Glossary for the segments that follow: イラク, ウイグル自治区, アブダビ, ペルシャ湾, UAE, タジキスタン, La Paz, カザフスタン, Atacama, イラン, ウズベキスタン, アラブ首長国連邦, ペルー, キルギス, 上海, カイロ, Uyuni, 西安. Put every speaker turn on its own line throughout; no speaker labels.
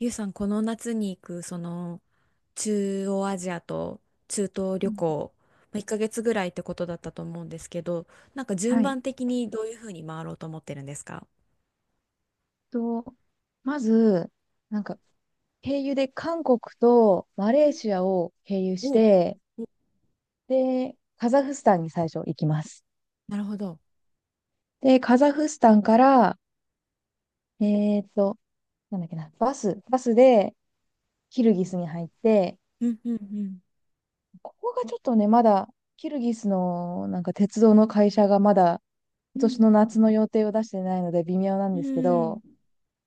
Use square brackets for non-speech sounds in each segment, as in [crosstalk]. ゆうさん、この夏に行く、中央アジアと中東
う
旅
ん。
行、1ヶ月ぐらいってことだったと思うんですけど、順
はい。
番的にどういうふうに回ろうと思ってるんですか？
と、まず、なんか、経由で韓国とマレーシアを経由し
お
て、
お、
で、カザフスタンに最初行きます。
なるほど。
で、カザフスタンから、えーっと、なんだっけな、バスでキルギスに入って、
うんうん
ここがちょっとね、まだ、キルギスのなんか鉄道の会社がまだ
う
今
ん。う
年の
ん。
夏の予定を出してないので微妙なん
う
ですけ
ん
ど、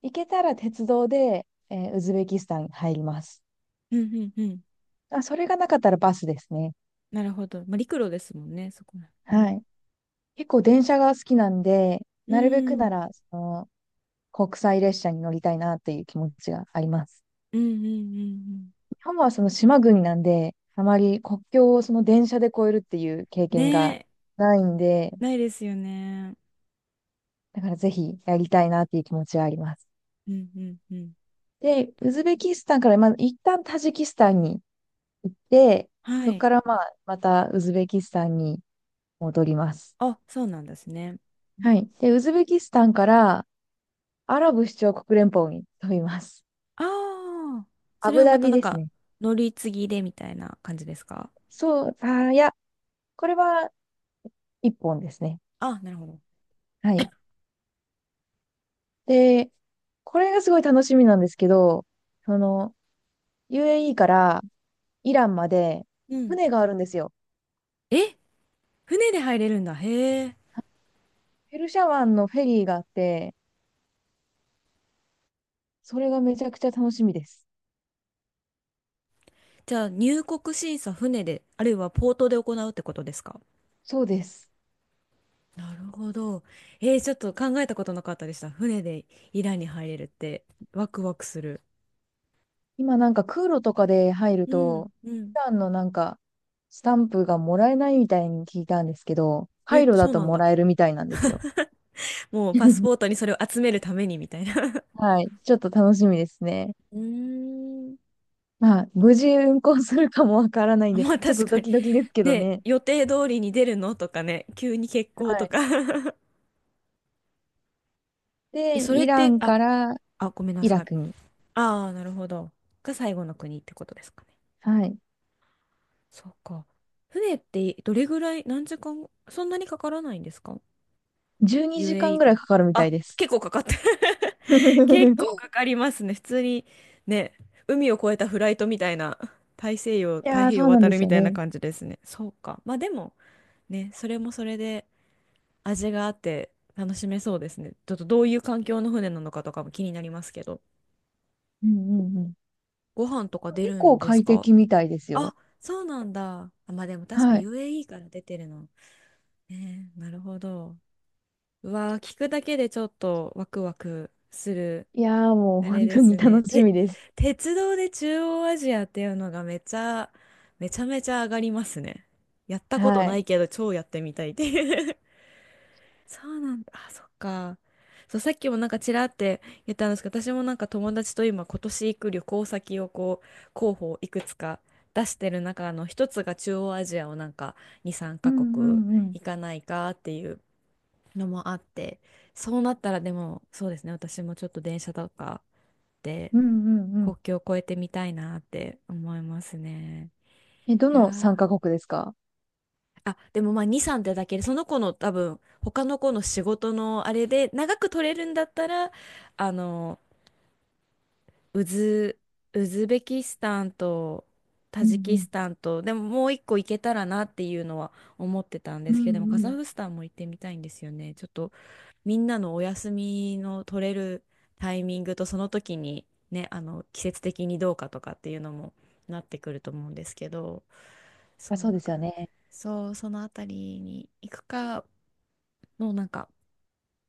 行けたら鉄道で、ウズベキスタンに入ります。
うんうんうん。
あ、それがなかったらバスですね。
なるほど。まあ、陸路ですもんね、そこらね。
はい。結構電車が好きなんで、
う
なるべく
ん。う
な
ん
ら、その、国際列車に乗りたいなっていう気持ちがあります。
うんうん
日本はその島国なんで、あまり国境をその電車で越えるっていう経
うん。
験
ね
が
え、
ないんで、
ないですよね。
だからぜひやりたいなっていう気持ちはあります。
うんうんうん。
で、ウズベキスタンから、まあ、一旦タジキスタンに行って、
は
そこ
い。
からまあ、またウズベキスタンに戻ります。
あ、そうなんですね。
はい。で、ウズベキスタンからアラブ首長国連邦に飛びます。
ああ、そ
ア
れ
ブ
は
ダ
また
ビ
なん
です
か、
ね。
乗り継ぎでみたいな感じですか？
そう、これは一本ですね。
あ、なるほど。
はい。で、これがすごい楽しみなんですけど、その、UAE からイランまで
うん。
船があるんですよ。
え、船で入れるんだ。へえ。
ペルシャ湾のフェリーがあって、それがめちゃくちゃ楽しみです。
じゃあ、入国審査船で、あるいはポートで行うってことですか？
そうです。
なるほど。えー、ちょっと考えたことなかったでした。船でイランに入れるって、ワクワクする。
今なんか空路とかで入る
うん、
と、
う
イ
ん。
ランのなんか、スタンプがもらえないみたいに聞いたんですけど、カ
え、
イロだ
そう
と
なん
も
だ。
らえるみたいなんですよ。
もうパスポート
[laughs]
にそれを集めるためにみたいな。[laughs]
はい。ちょっと楽しみですね。
うーん。
まあ、無事運行するかもわからないんで、
まあ
[laughs] ちょっ
確
と
か
ド
に。
キドキですけど
ね、
ね。
予定通りに出るのとかね、急に欠航
は
と
い。
か [laughs] え、
で、
それっ
イラ
て、
ン
あ、
から
あ、ごめんな
イラ
さい。
クに。
ああ、なるほど。が最後の国ってことですかね。
はい。
そうか。船ってどれぐらい、何時間、そんなにかからないんですか？
12時間
UAE
ぐ
か
らい
ら。
かかるみたい
あ、
です。
結構かかって [laughs] 結構か
[laughs]
かりますね。普通に、ね、海を越えたフライトみたいな、大西洋、
い
太
やー、
平
そ
洋
うなん
渡
で
る
す
み
よ
たいな
ね。
感じですね。そうか。まあでも、ね、それもそれで、味があって楽しめそうですね。ちょっとどういう環境の船なのかとかも気になりますけど。
うんうんうん。
ご飯とか出
結
るん
構
です
快
か？
適みたいです
あ、
よ。
そうなんだ。あ、まあでも確か
は
に
い。
UAE から出てるの。ねえ、なるほど。うわー、聞くだけでちょっとワクワクする。
いやー、もう
あれ
本
で
当に
すね。
楽し
て、
みです。
鉄道で中央アジアっていうのがめちゃ、めちゃめちゃ上がりますね。やったこと
は
な
い。
いけど超やってみたいっていう [laughs] そうなんだ。あ、そっか。そう、さっきもなんかちらって言ったんですけど、私もなんか友達と今年行く旅行先をこう、候補をいくつか出してる中の一つが中央アジアをなんか2、3
う
カ
んう
国
んうん。
行かないかっていうのもあって、そうなったらでもそうですね、私もちょっと電車とかで
うんうんうん。
国境を越えてみたいなって思いますね。
え、ど
いや
の参
ー
加国ですか？
あ、でもまあ2、3ってだけで、その子の多分、他の子の仕事のあれで、長く取れるんだったら、あの、ウズ、ウズベキスタンとタ
うんう
ジキ
ん。
スタンと、でももう一個行けたらなっていうのは思ってたん
う
で
ん
すけど、でもカ
う
ザ
ん。
フ
あ、
スタンも行ってみたいんですよね。ちょっとみんなのお休みの取れるタイミングとその時にね、あの季節的にどうかとかっていうのもなってくると思うんですけど、そう
そうで
だ
す
から、
よね。
そうそのあたりに行くかのなんか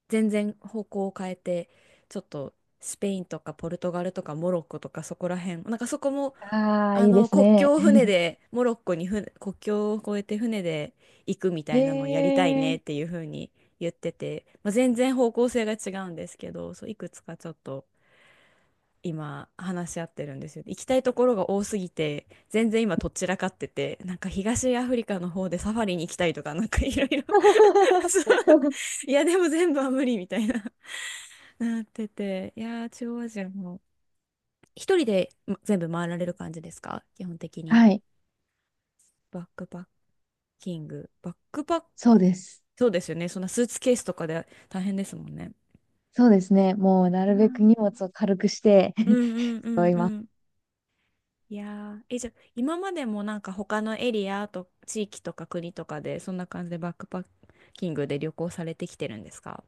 全然方向を変えてちょっとスペインとかポルトガルとかモロッコとかそこら辺なんかそこも
ああ、
あ
いいで
の、
す
国
ね。
境を船で、モロッコに船、国境を越えて船で行くみた
え
いなのをやりたい
え
ね
ー。
っていうふうに言ってて、まあ、全然方向性が違うんですけど、そう、いくつかちょっと今話し合ってるんですよ。行きたいところが多すぎて、全然今とっちらかってて、なんか東アフリカの方でサファリに行きたいとか、なんかいろいろ [laughs] そう、
[laughs]
いや、でも全部は無理みたいな、なってて、いやー、中央アジアも。一人でま全部回られる感じですか基本的に。
はい。
バックパッキング。バックパッ、
そうです。
そうですよね。そんなスーツケースとかで大変ですもんね。
そうですね。もうな
い
る
や
べく
ー
荷物を軽くして。
うんうんう
[laughs]
ん
い、
うん。いやー、え、じゃあ、今までもなんか他のエリアと地域とか国とかで、そんな感じでバックパッキングで旅行されてきてるんですか？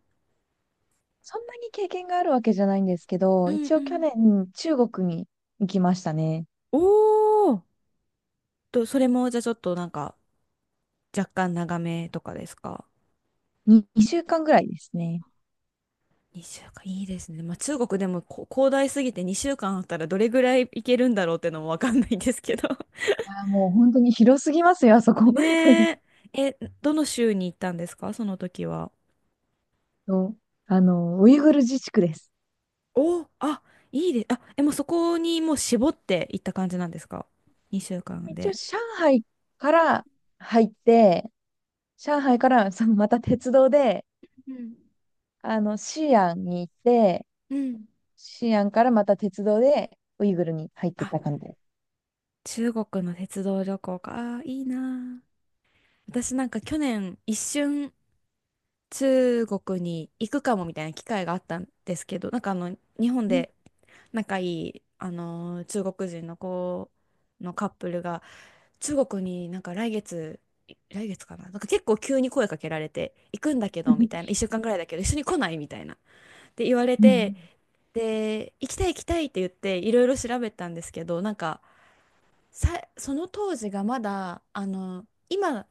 そんなに経験があるわけじゃないんですけ
う
ど、
ん
一
う
応去
ん
年中国に行きましたね。
おーと、それもじゃあちょっとなんか若干長めとかですか？
に2週間ぐらいですね。
2 週間、いいですね。まあ中国でもこ広大すぎて2週間あったらどれぐらい行けるんだろうってのもわかんないんですけど。
あー、もう本当に広すぎますよ、あそこ。
ねえ。
[laughs]
え、どの州に行ったんですかその時は。
そう、あの、ウイグル自治区です。
お、あ、いいで、あ、え、もうそこにもう絞って行った感じなんですか？ 2 週間
一応
で。
上海から入って、上海からそのまた鉄道で、
うん。
あの、西安に行って、
うん
西安からまた鉄道でウイグルに入ってっ
あ、
た感じです。
中国の鉄道旅行か。あー、いいなあ。私なんか去年一瞬中国に行くかもみたいな機会があったんですけど、なんかあの日本
うん。
で仲いいあのー中国人の子のカップルが中国になんか来月、来月かな、なんか結構急に声かけられて、行くんだけどみたい
[laughs]
な、一週間ぐらいだけど、一緒に来ないみたいな。って言われ
う
て、
ん。
で、行きたい行きたいって言って、いろいろ調べたんですけど、なんかさ、その当時がまだ、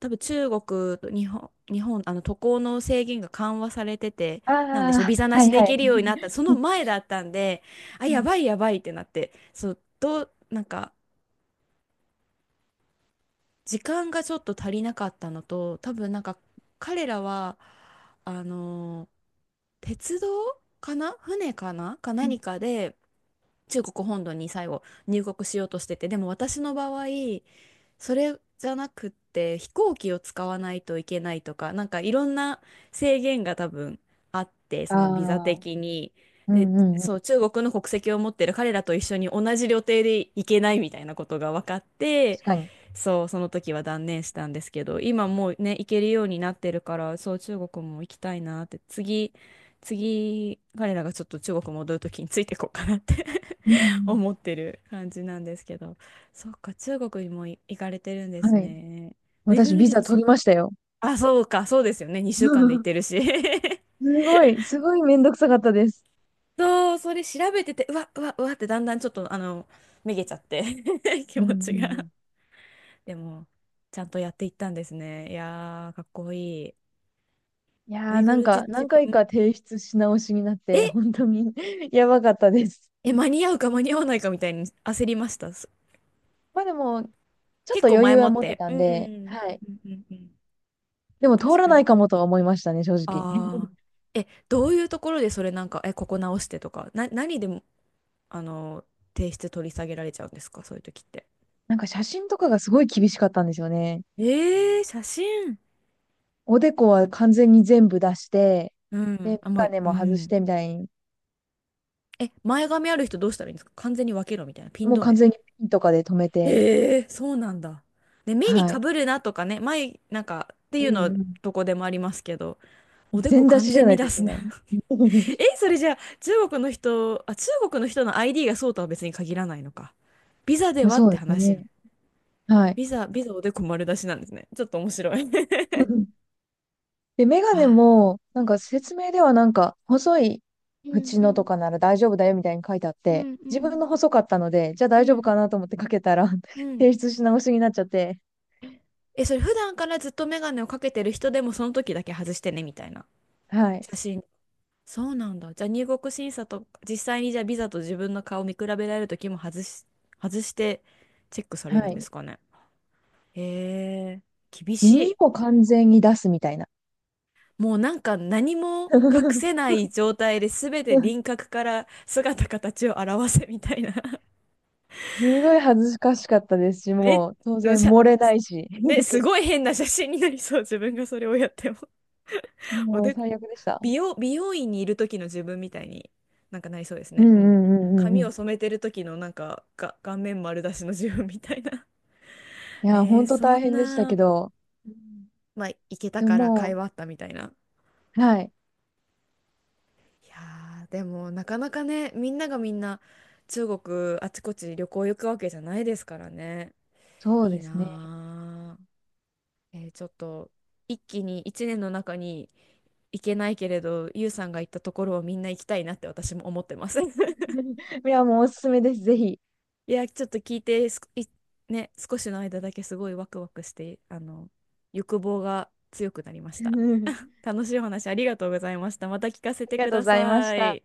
多分中国と日本、あの渡航の制限が緩和されてて、
あ
なんでしょう、
あ、
ビザな
は
し
い
で
は
行け
い。
るようになった、その前だったんで、あ、やばいや
[laughs]
ばいってなって、そう、どう、なんか、時間がちょっと足りなかったのと、多分なんか彼らは、あのー鉄道かな船かなか何かで中国本土に最後入国しようとしてて、でも私の場合、それじゃなくって飛行機を使わないといけないとか、なんかいろんな制限が多分あって、そ
あ
のビザ
あ、
的に。
う
で、
んうんうん。
そう、中国の国籍を持ってる彼らと一緒に同じ旅程で行けないみたいなことが分かって、
確かに。
そう、その時は断念したんですけど、今もうね、行けるようになってるから、そう、中国も行きたいなって、次、彼らがちょっと中国戻る時についていこうかなって
うんう
[laughs] 思ってる感じなんですけど、そっか、中国にもい行かれてるんで
ん。
す
はい。
ね。ウイグ
私、
ル
ビ
自
ザ
治
取り
区。
ましたよ。
あ、そうか、そうですよね。2週間で行ってる
[laughs]
し。[laughs]
すごい、すごいめんどくさかったです。
そう、それ調べてて、うわ、うわ、うわってだんだんちょっと、あの、めげちゃって [laughs] 気
うんうん
持ちが。
うん。
でも、ちゃんとやっていったんですね。いやー、かっこいい。
い
ウ
やー、
イグ
な
ル
ん
自
か、
治
何
区、う
回
ん
か提出し直しになって、
え、
本当に [laughs] やばかったです。
え、間に合うか間に合わないかみたいに焦りました。す
まあでも、ちょっ
結
と
構
余
前
裕
も
は
っ
持って
て。
た
う
ん
ん。う
で、
ん
はい。
うんうん。
でも、通
確
ら
か
ない
に。
かもとは思いましたね、正直。[laughs]
ああ。え、どういうところでそれなんか、え、ここ直してとか、な、何でも、あの、提出取り下げられちゃうんですか、そういう時って。
なんか、写真とかがすごい厳しかったんですよね。
えー、写真。
おでこは完全に全部出して、
う
で、
ん。
メ
あ、まあ、
ガネ
う
も外し
ん。
てみたいに、
え、前髪ある人どうしたらいいんですか完全に分けろみたいな。ピン
もう
止
完
め。
全にピンとかで止めて、
ええそうなんだ。ね、目に
は
か
い。
ぶるなとかね、前、なんか、って
う
いう
ん
の、
うん。
どこでもありますけど、おでこ
全出
完
しじゃ
全
な
に
いと
出
い
す
け
な
ない。
[laughs]
[laughs]
え、それじゃあ、中国の人の ID がそうとは別に限らないのか。ビザで
まあ、
はっ
そ
て
うです
話やん。
ね。はい。
ビザおでこ丸出しなんですね。ちょっと面白い
[laughs] で、メ
[laughs]
ガネ
あ、
も、なんか説明ではなんか、細い
うん
縁
う
のとか
ん
なら大丈夫だよみたいに書いてあっ
う
て、
んう
自分
ん
の細かったので、じゃあ大
う
丈夫
ん
かなと思ってかけたら
う
[laughs]
ん
提出し直しになっちゃって、
え、それ普段からずっとメガネをかけてる人でもその時だけ外してね、みたいな。
はい。
写真そうなんだ。じゃあ入国審査と、実際にじゃあビザと自分の顔を見比べられるときも外してチェックさ
は
れるんで
い。
すかね。へえ、厳し
耳
い。
も完全に出すみたいな。
もうなんか何も隠せな
[laughs]
い状態で全て輪郭から姿形を表せみたいな。
すごい恥ずかしかったです
[laughs]
し、
め、
もう当
む
然
しゃ、
漏れないし、
ね、す
[laughs]
ごい変な写真になりそう。自分がそれをやっても。[laughs] お
もう
で
最悪でした。
美容院にいる時の自分みたいになんかなりそうです
うん
ね。
う
もう
んうんうん
髪
うん。
を染めてる時のなんかが顔面丸出しの自分みたいな [laughs]
いや、
えー、
本当
そ
大
ん
変でしたけ
な、
ど、
うんまあ、行けた
でも
から会
も
話あったみたいな。
う、はい、
いやーでもなかなかね、みんながみんな中国あちこち旅行行くわけじゃないですからね。
そう
いい
ですね。
なー。えーちょっと一気に一年の中に行けないけれど、ゆうさんが行ったところをみんな行きたいなって私も思ってます。[laughs]
[laughs] いや、もうおすすめです、ぜひ。
いや、ちょっと聞いてすこ、い、ね、少しの間だけすごいワクワクして、あの、欲望が強くなりました。
[laughs] あ
楽しいお話ありがとうございました。また聞かせ
り
て
が
く
とうご
だ
ざいまし
さ
た。
い。